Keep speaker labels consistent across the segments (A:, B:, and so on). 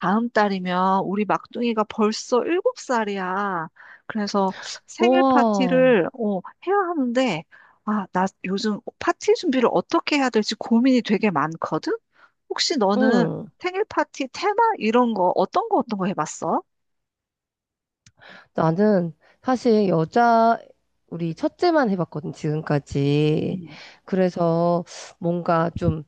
A: 다음 달이면 우리 막둥이가 벌써 일곱 살이야. 그래서
B: 우
A: 생일
B: 와,
A: 파티를 해야 하는데, 아, 나 요즘 파티 준비를 어떻게 해야 될지 고민이 되게 많거든? 혹시 너는
B: 응.
A: 생일 파티 테마 이런 거 어떤 거 해봤어?
B: 나는 사실 우리 첫째만 해봤거든, 지금까지.
A: 음.
B: 그래서 뭔가 좀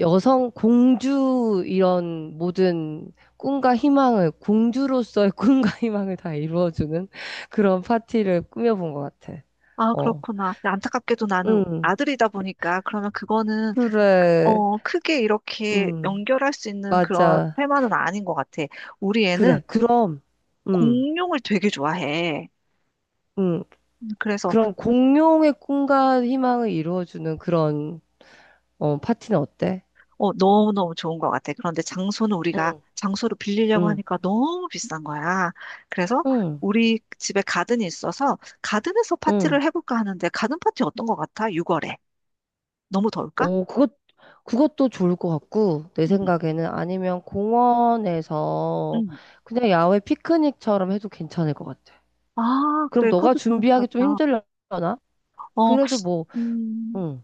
B: 여성 공주 이런 모든 꿈과 희망을, 공주로서의 꿈과 희망을 다 이루어주는 그런 파티를 꾸며본 것 같아.
A: 아,
B: 어,
A: 그렇구나. 근데 안타깝게도 나는
B: 응.
A: 아들이다 보니까 그러면 그거는
B: 그래,
A: 크게 이렇게
B: 응.
A: 연결할 수 있는 그런
B: 맞아.
A: 테마는 아닌 것 같아. 우리 애는
B: 그래, 그럼, 응.
A: 공룡을 되게 좋아해.
B: 응.
A: 음, 그래서
B: 그런 공룡의 꿈과 희망을 이루어주는 그런 파티는 어때?
A: 너무너무 좋은 것 같아. 그런데 장소는 우리가
B: 응,
A: 장소를 빌리려고
B: 응,
A: 하니까 너무 비싼 거야. 그래서
B: 응,
A: 우리 집에 가든이 있어서 가든에서
B: 응.
A: 파티를 해볼까 하는데 가든 파티 어떤 것 같아? 6월에. 너무 더울까?
B: 오, 그것도 좋을 것 같고, 내
A: 응,
B: 생각에는 아니면 공원에서
A: 응.
B: 그냥 야외 피크닉처럼 해도 괜찮을 것 같아.
A: 아,
B: 그럼
A: 그래.
B: 너가
A: 그것도 좋을 것
B: 준비하기 좀
A: 같다.
B: 힘들려나?
A: 어,
B: 그래도 뭐,
A: 음,
B: 응,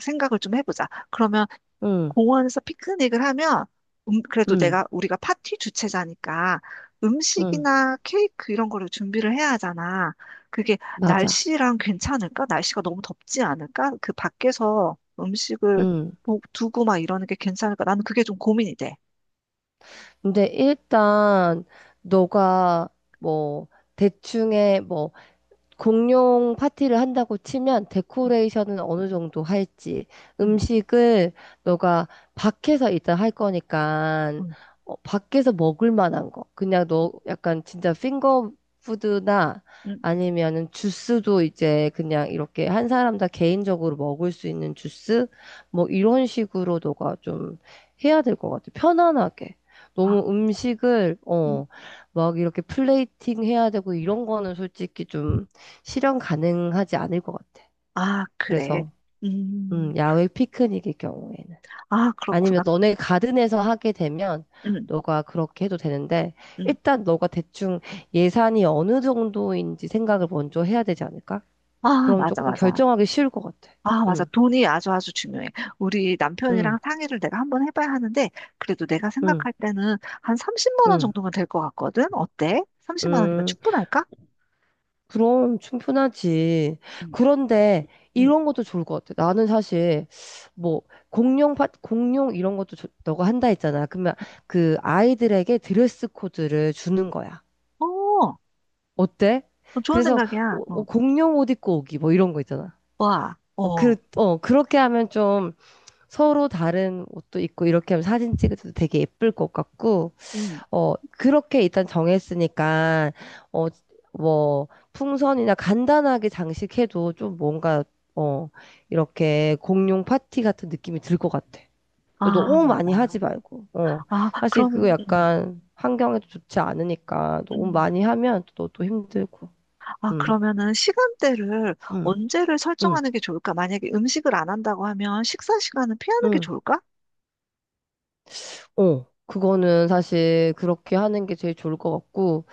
A: 생각을 좀 해보자. 그러면
B: 응,
A: 공원에서 피크닉을 하면 그래도
B: 응,
A: 내가 우리가 파티 주최자니까
B: 응,
A: 음식이나 케이크 이런 거를 준비를 해야 하잖아. 그게
B: 맞아.
A: 날씨랑 괜찮을까? 날씨가 너무 덥지 않을까? 그 밖에서 음식을
B: 응.
A: 두고 막 이러는 게 괜찮을까? 나는 그게 좀 고민이 돼.
B: 근데 일단, 너가 뭐, 대충의 뭐, 공용 파티를 한다고 치면 데코레이션은 어느 정도 할지
A: 응,
B: 음식을 너가 밖에서 일단 할 거니까
A: 응,
B: 밖에서 먹을 만한 거 그냥 너 약간 진짜 핑거푸드나
A: 응.
B: 아니면은 주스도 이제 그냥 이렇게 한 사람 다 개인적으로 먹을 수 있는 주스 뭐 이런 식으로 너가 좀 해야 될 것 같아 편안하게
A: 아,
B: 너무 음식을
A: 음,
B: 막 이렇게 플레이팅 해야 되고 이런 거는 솔직히 좀 실현 가능하지 않을 것 같아.
A: 아, 그래.
B: 그래서,
A: 음,
B: 야외 피크닉일 경우에는.
A: 아,
B: 아니면
A: 그렇구나.
B: 너네 가든에서 하게 되면
A: 응,
B: 너가 그렇게 해도 되는데,
A: 응.
B: 일단 너가 대충 예산이 어느 정도인지 생각을 먼저 해야 되지 않을까?
A: 아,
B: 그럼
A: 맞아,
B: 조금
A: 맞아.
B: 결정하기 쉬울 것 같아.
A: 아, 맞아.
B: 응,
A: 돈이 아주 아주 중요해. 우리
B: 응,
A: 남편이랑 상의를 내가 한번 해봐야 하는데, 그래도 내가
B: 응,
A: 생각할 때는 한 30만 원
B: 응,
A: 정도면 될 것 같거든? 어때? 30만 원이면
B: 응.
A: 충분할까?
B: 그럼 충분하지.
A: 응,
B: 그런데
A: 응,
B: 이런 것도 좋을 것 같아. 나는 사실 뭐 공룡 이런 것도 너가 한다 했잖아. 그러면 그 아이들에게 드레스 코드를 주는 거야.
A: 어,
B: 어때?
A: 어, 좋은
B: 그래서
A: 생각이야. 어.
B: 공룡 옷 입고 오기 뭐 이런 거 있잖아.
A: 와, 어.
B: 그렇게 하면 좀 서로 다른 옷도 입고 이렇게 하면 사진 찍을 때도 되게 예쁠 것 같고
A: 응,
B: 그렇게 일단 정했으니까, 어, 뭐, 풍선이나 간단하게 장식해도 좀 뭔가, 어, 이렇게 공룡 파티 같은 느낌이 들 것 같아.
A: 아,
B: 너무 많이 하지
A: 맞아.
B: 말고, 어.
A: 아,
B: 사실 그거
A: 그러면,
B: 약간 환경에도 좋지 않으니까 너무
A: 음
B: 많이 하면 또 힘들고,
A: 아,
B: 응,
A: 그러면은 시간대를
B: 응,
A: 언제를
B: 응,
A: 설정하는 게 좋을까? 만약에 음식을 안 한다고 하면 식사 시간은 피하는 게
B: 응.
A: 좋을까?
B: 그거는 사실 그렇게 하는 게 제일 좋을 것 같고,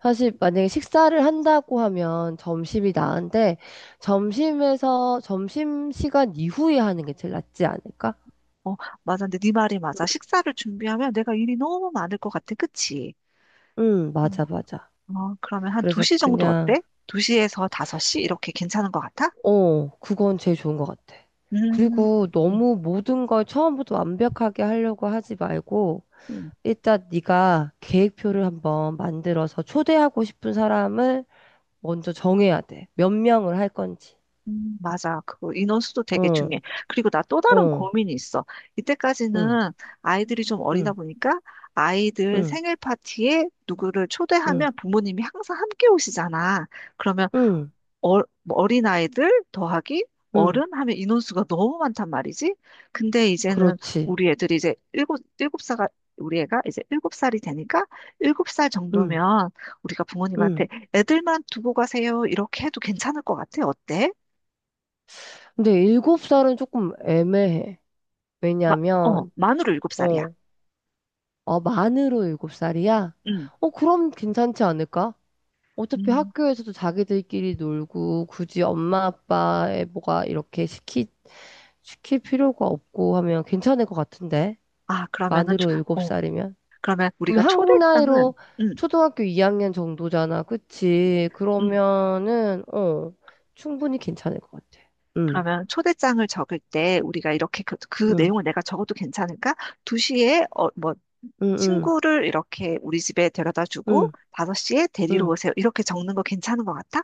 B: 사실 만약에 식사를 한다고 하면 점심이 나은데 점심에서 점심 시간 이후에 하는 게 제일 낫지 않을까?
A: 어, 맞아. 근데 네 말이 맞아. 식사를 준비하면 내가 일이 너무 많을 것 같아. 그치?
B: 응,
A: 어,
B: 맞아, 맞아.
A: 어, 그러면 한
B: 그래서
A: 2시 정도 어때?
B: 그냥
A: 2시에서 5시? 이렇게 괜찮은 것 같아?
B: 그건 제일 좋은 것 같아.
A: 음,
B: 그리고
A: 음,
B: 너무 모든 걸 처음부터 완벽하게 하려고 하지 말고
A: 음,
B: 일단 네가 계획표를 한번 만들어서 초대하고 싶은 사람을 먼저 정해야 돼. 몇 명을 할 건지.
A: 맞아. 그 인원수도 되게
B: 어,
A: 중요해. 그리고 나 또 다른
B: 어,
A: 고민이 있어.
B: 응,
A: 이때까지는 아이들이 좀 어리다
B: 응,
A: 보니까 아이들
B: 응,
A: 생일 파티에 누구를
B: 응,
A: 초대하면 부모님이 항상 함께 오시잖아. 그러면
B: 응,
A: 어, 뭐 어린아이들 더하기
B: 응.
A: 어른 하면 인원수가 너무 많단 말이지. 근데 이제는
B: 그렇지.
A: 우리 애들이 이제 일곱 살, 우리 애가 이제 일곱 살이 되니까 7살
B: 응,
A: 정도면 우리가
B: 응.
A: 부모님한테 애들만 두고 가세요. 이렇게 해도 괜찮을 것 같아. 어때?
B: 근데 일곱 살은 조금 애매해. 왜냐면,
A: 만으로 일곱 살이야.
B: 어, 아, 만으로 일곱 살이야?
A: 응.
B: 어, 그럼 괜찮지 않을까? 어차피
A: 음.
B: 학교에서도 자기들끼리 놀고, 굳이 엄마 아빠의 뭐가 시킬 필요가 없고 하면 괜찮을 것 같은데?
A: 아, 그러면은,
B: 만으로 일곱
A: 어,
B: 살이면?
A: 그러면
B: 그럼
A: 우리가
B: 한국
A: 초대장은,
B: 나이로
A: 음
B: 초등학교 2학년 정도잖아. 그치?
A: 음
B: 그러면은, 어, 충분히 괜찮을 것 같아. 응,
A: 그러면 초대장을 적을 때 우리가 이렇게 그
B: 응,
A: 내용을 내가 적어도 괜찮을까? 2시에
B: 응, 응.
A: 친구를 이렇게 우리 집에 데려다 주고
B: 응,
A: 5시에 데리러
B: 응,
A: 오세요. 이렇게 적는 거 괜찮은 것 같아?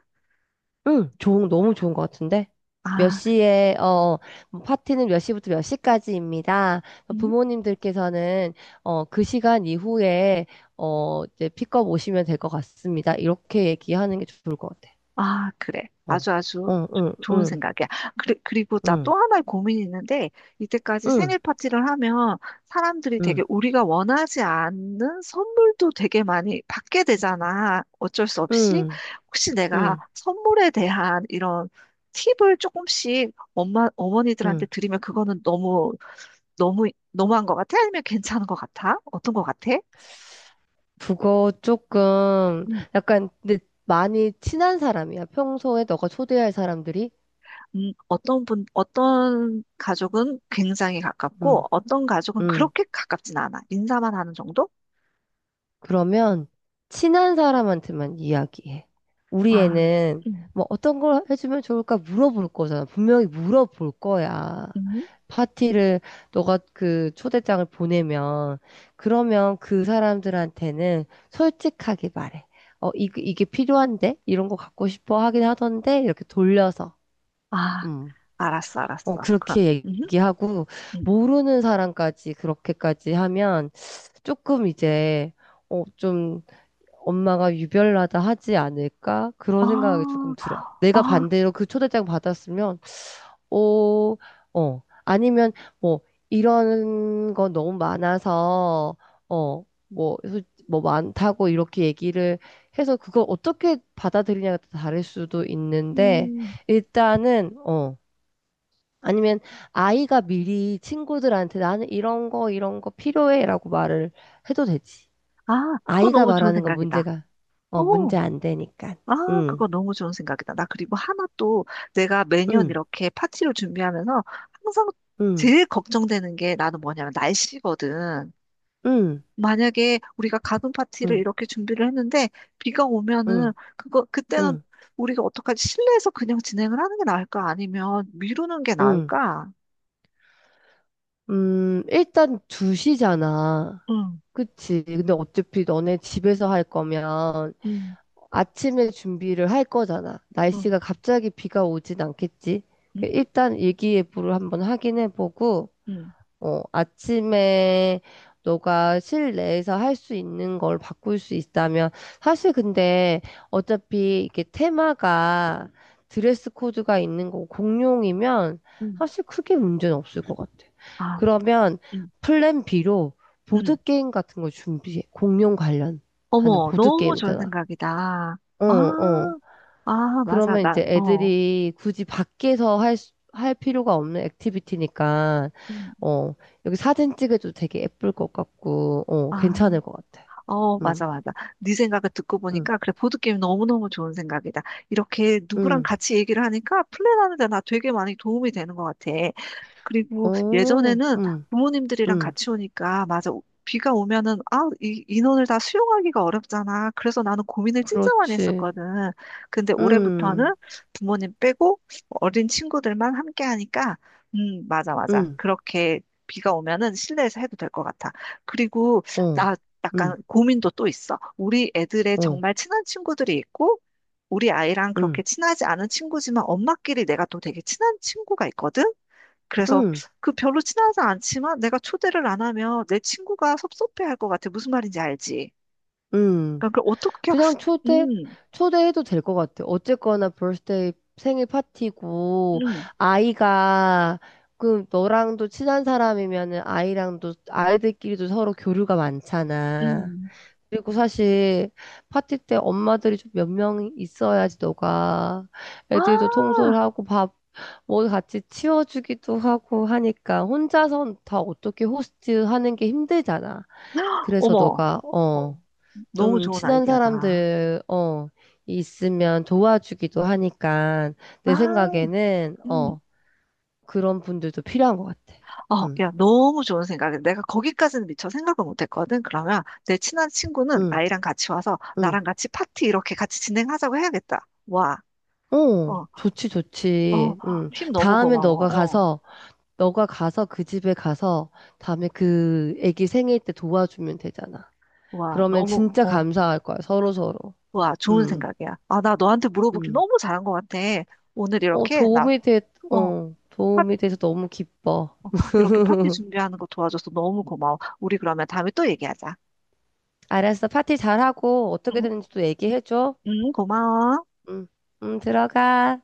B: 응. 좋은, 너무 좋은 것 같은데? 몇
A: 아,
B: 시에, 어, 뭐 파티는 몇 시부터 몇 시까지입니다.
A: 음?
B: 부모님들께서는, 어, 그 시간 이후에, 어, 이제 픽업 오시면 될 것 같습니다. 이렇게 얘기하는 게 좋을 것 같아.
A: 아, 그래.
B: 어,
A: 아주 아주
B: 어, 응,
A: 좋은
B: 응,
A: 생각이야. 그리고 나
B: 응,
A: 또 하나의 고민이 있는데 이때까지
B: 응,
A: 생일 파티를 하면 사람들이 되게
B: 응,
A: 우리가 원하지 않는 선물도 되게 많이 받게 되잖아. 어쩔 수 없이.
B: 응,
A: 혹시 내가
B: 응,
A: 선물에 대한 이런 팁을 조금씩 엄마, 어머니들한테
B: 응.
A: 드리면 그거는 너무 너무 너무한 것 같아? 아니면 괜찮은 것 같아? 어떤 것 같아?
B: 그거 조금,
A: 음,
B: 약간, 근데 많이 친한 사람이야. 평소에 너가 초대할 사람들이.
A: 어떤 분, 어떤 가족은 굉장히 가깝고,
B: 응,
A: 어떤 가족은
B: 응.
A: 그렇게 가깝진 않아. 인사만 하는 정도?
B: 그러면 친한 사람한테만 이야기해. 우리
A: 아,
B: 애는
A: 음,
B: 뭐 어떤 걸 해주면 좋을까 물어볼 거잖아. 분명히 물어볼 거야.
A: 음,
B: 파티를 너가 그 초대장을 보내면 그러면 그 사람들한테는 솔직하게 말해. 이게 필요한데? 이런 거 갖고 싶어 하긴 하던데? 이렇게 돌려서.
A: 아,
B: 음.
A: 알았어,
B: 어,
A: 알았어. 그럼,
B: 그렇게
A: 음,
B: 얘기하고
A: 음.
B: 모르는 사람까지 그렇게까지 하면 조금 이제 어, 좀 엄마가 유별나다 하지 않을까? 그런 생각이
A: 아,
B: 조금 들어. 내가
A: 아,
B: 반대로 그 초대장 받았으면, 어, 어, 아니면 뭐, 이런 거 너무 많아서, 어, 뭐, 뭐 많다고 이렇게 얘기를 해서 그걸 어떻게 받아들이냐가 다를 수도 있는데,
A: 음,
B: 일단은, 어, 아니면 아이가 미리 친구들한테 나는 이런 거 필요해라고 말을 해도 되지.
A: 아, 그거
B: 아이가
A: 너무 좋은
B: 말하는 건
A: 생각이다. 어,
B: 문제 안 되니까.
A: 아,
B: 응,
A: 그거 너무 좋은 생각이다. 나 그리고 하나 또 내가 매년
B: 응,
A: 이렇게 파티를 준비하면서 항상
B: 응,
A: 제일 걱정되는 게 나는 뭐냐면 날씨거든.
B: 응,
A: 만약에 우리가 가든 파티를
B: 응,
A: 이렇게 준비를 했는데 비가 오면은
B: 응,
A: 그거 그때는
B: 응,
A: 우리가 어떡하지? 실내에서 그냥 진행을 하는 게 나을까? 아니면 미루는 게
B: 응.
A: 나을까?
B: 일단 2시잖아.
A: 응,
B: 그치. 근데 어차피 너네 집에서 할 거면
A: 응,
B: 아침에 준비를 할 거잖아.
A: 응,
B: 날씨가 갑자기 비가 오진 않겠지.
A: 응,
B: 그 일단 일기예보를 한번 확인해 보고,
A: 응,
B: 어, 아침에 너가 실내에서 할 수 있는 걸 바꿀 수 있다면 사실 근데 어차피 이게 테마가 드레스 코드가 있는 거 공룡이면
A: 응,
B: 사실 크게 문제는 없을 것 같아.
A: 아,
B: 그러면
A: 응,
B: 플랜 B로 보드
A: 응.
B: 게임 같은 걸 준비해. 공룡 관련하는
A: 어머,
B: 보드
A: 너무 좋은
B: 게임이잖아.
A: 생각이다.
B: 어, 어.
A: 아, 아, 맞아.
B: 그러면
A: 나,
B: 이제
A: 어.
B: 애들이 굳이 밖에서 할 필요가 없는 액티비티니까,
A: 음.
B: 어, 여기 사진 찍어도 되게 예쁠 것 같고, 어,
A: 아,
B: 괜찮을 것 같아.
A: 어, 맞아,
B: 응,
A: 맞아. 네 생각을 듣고
B: 응,
A: 보니까, 그래, 보드게임 너무너무 좋은 생각이다. 이렇게 누구랑
B: 응,
A: 같이 얘기를 하니까 플랜하는 데 나 되게 많이 도움이 되는 것 같아. 그리고
B: 오,
A: 예전에는
B: 응,
A: 부모님들이랑
B: 응,
A: 같이 오니까, 맞아. 비가 오면은, 아, 이 인원을 다 수용하기가 어렵잖아. 그래서 나는 고민을 진짜 많이
B: 그렇지.
A: 했었거든. 근데
B: 응,
A: 올해부터는 부모님 빼고 어린 친구들만 함께 하니까, 맞아, 맞아.
B: 응,
A: 그렇게 비가 오면은 실내에서 해도 될 것 같아. 그리고
B: 어,
A: 나 약간
B: 응,
A: 고민도 또 있어. 우리 애들의
B: 어,
A: 정말 친한 친구들이 있고, 우리 아이랑 그렇게
B: 응,
A: 친하지 않은 친구지만 엄마끼리 내가 또 되게 친한 친구가 있거든? 그래서
B: 응,
A: 그 별로 친하지 않지만 내가 초대를 안 하면 내 친구가 섭섭해할 것 같아. 무슨 말인지 알지?
B: 응.
A: 그러니까 그걸 어떻게,
B: 그냥 초대?
A: 음,
B: 초대해도 될 것 같아. 어쨌거나 birthday 생일 파티고,
A: 음,
B: 아이가, 그, 너랑도 친한 사람이면은 아이들끼리도 서로 교류가 많잖아.
A: 음.
B: 그리고 사실 파티 때 엄마들이 좀 몇 명 있어야지 너가
A: 아,
B: 애들도 통솔하고 밥, 뭐 같이 치워주기도 하고 하니까 혼자선 다 어떻게 호스트하는 게 힘들잖아. 그래서
A: 어머.
B: 너가,
A: 어,
B: 어.
A: 너무
B: 좀
A: 좋은
B: 친한
A: 아이디어다.
B: 사람들, 어, 있으면 도와주기도 하니까, 내
A: 아,
B: 생각에는,
A: 음.
B: 어, 그런 분들도 필요한 것 같아.
A: 어,
B: 응,
A: 야, 너무 좋은 생각이야. 내가 거기까지는 미처 생각을 못 했거든. 그러면 내 친한 친구는
B: 응,
A: 아이랑 같이 와서
B: 응.
A: 나랑 같이 파티 이렇게 같이 진행하자고 해야겠다. 와,
B: 어,
A: 어,
B: 좋지,
A: 어,
B: 좋지. 응.
A: 힘 너무
B: 다음에
A: 고마워.
B: 너가
A: 어,
B: 가서, 너가 가서 그 집에 가서, 다음에 그 애기 생일 때 도와주면 되잖아.
A: 와,
B: 그러면
A: 너무,
B: 진짜
A: 어.
B: 감사할 거야, 서로서로.
A: 와, 좋은
B: 응,
A: 생각이야. 아, 나 너한테 물어보길
B: 응.
A: 너무 잘한 것 같아. 오늘
B: 어,
A: 이렇게, 나, 어, 파,
B: 도움이 돼서 너무 기뻐.
A: 이렇게 파티 준비하는 거 도와줘서 너무 고마워. 우리 그러면 다음에 또 얘기하자.
B: 알았어. 파티 잘하고 어떻게
A: 응,
B: 되는지 또 얘기해줘.
A: 응, 고마워.
B: 응, 응, 들어가.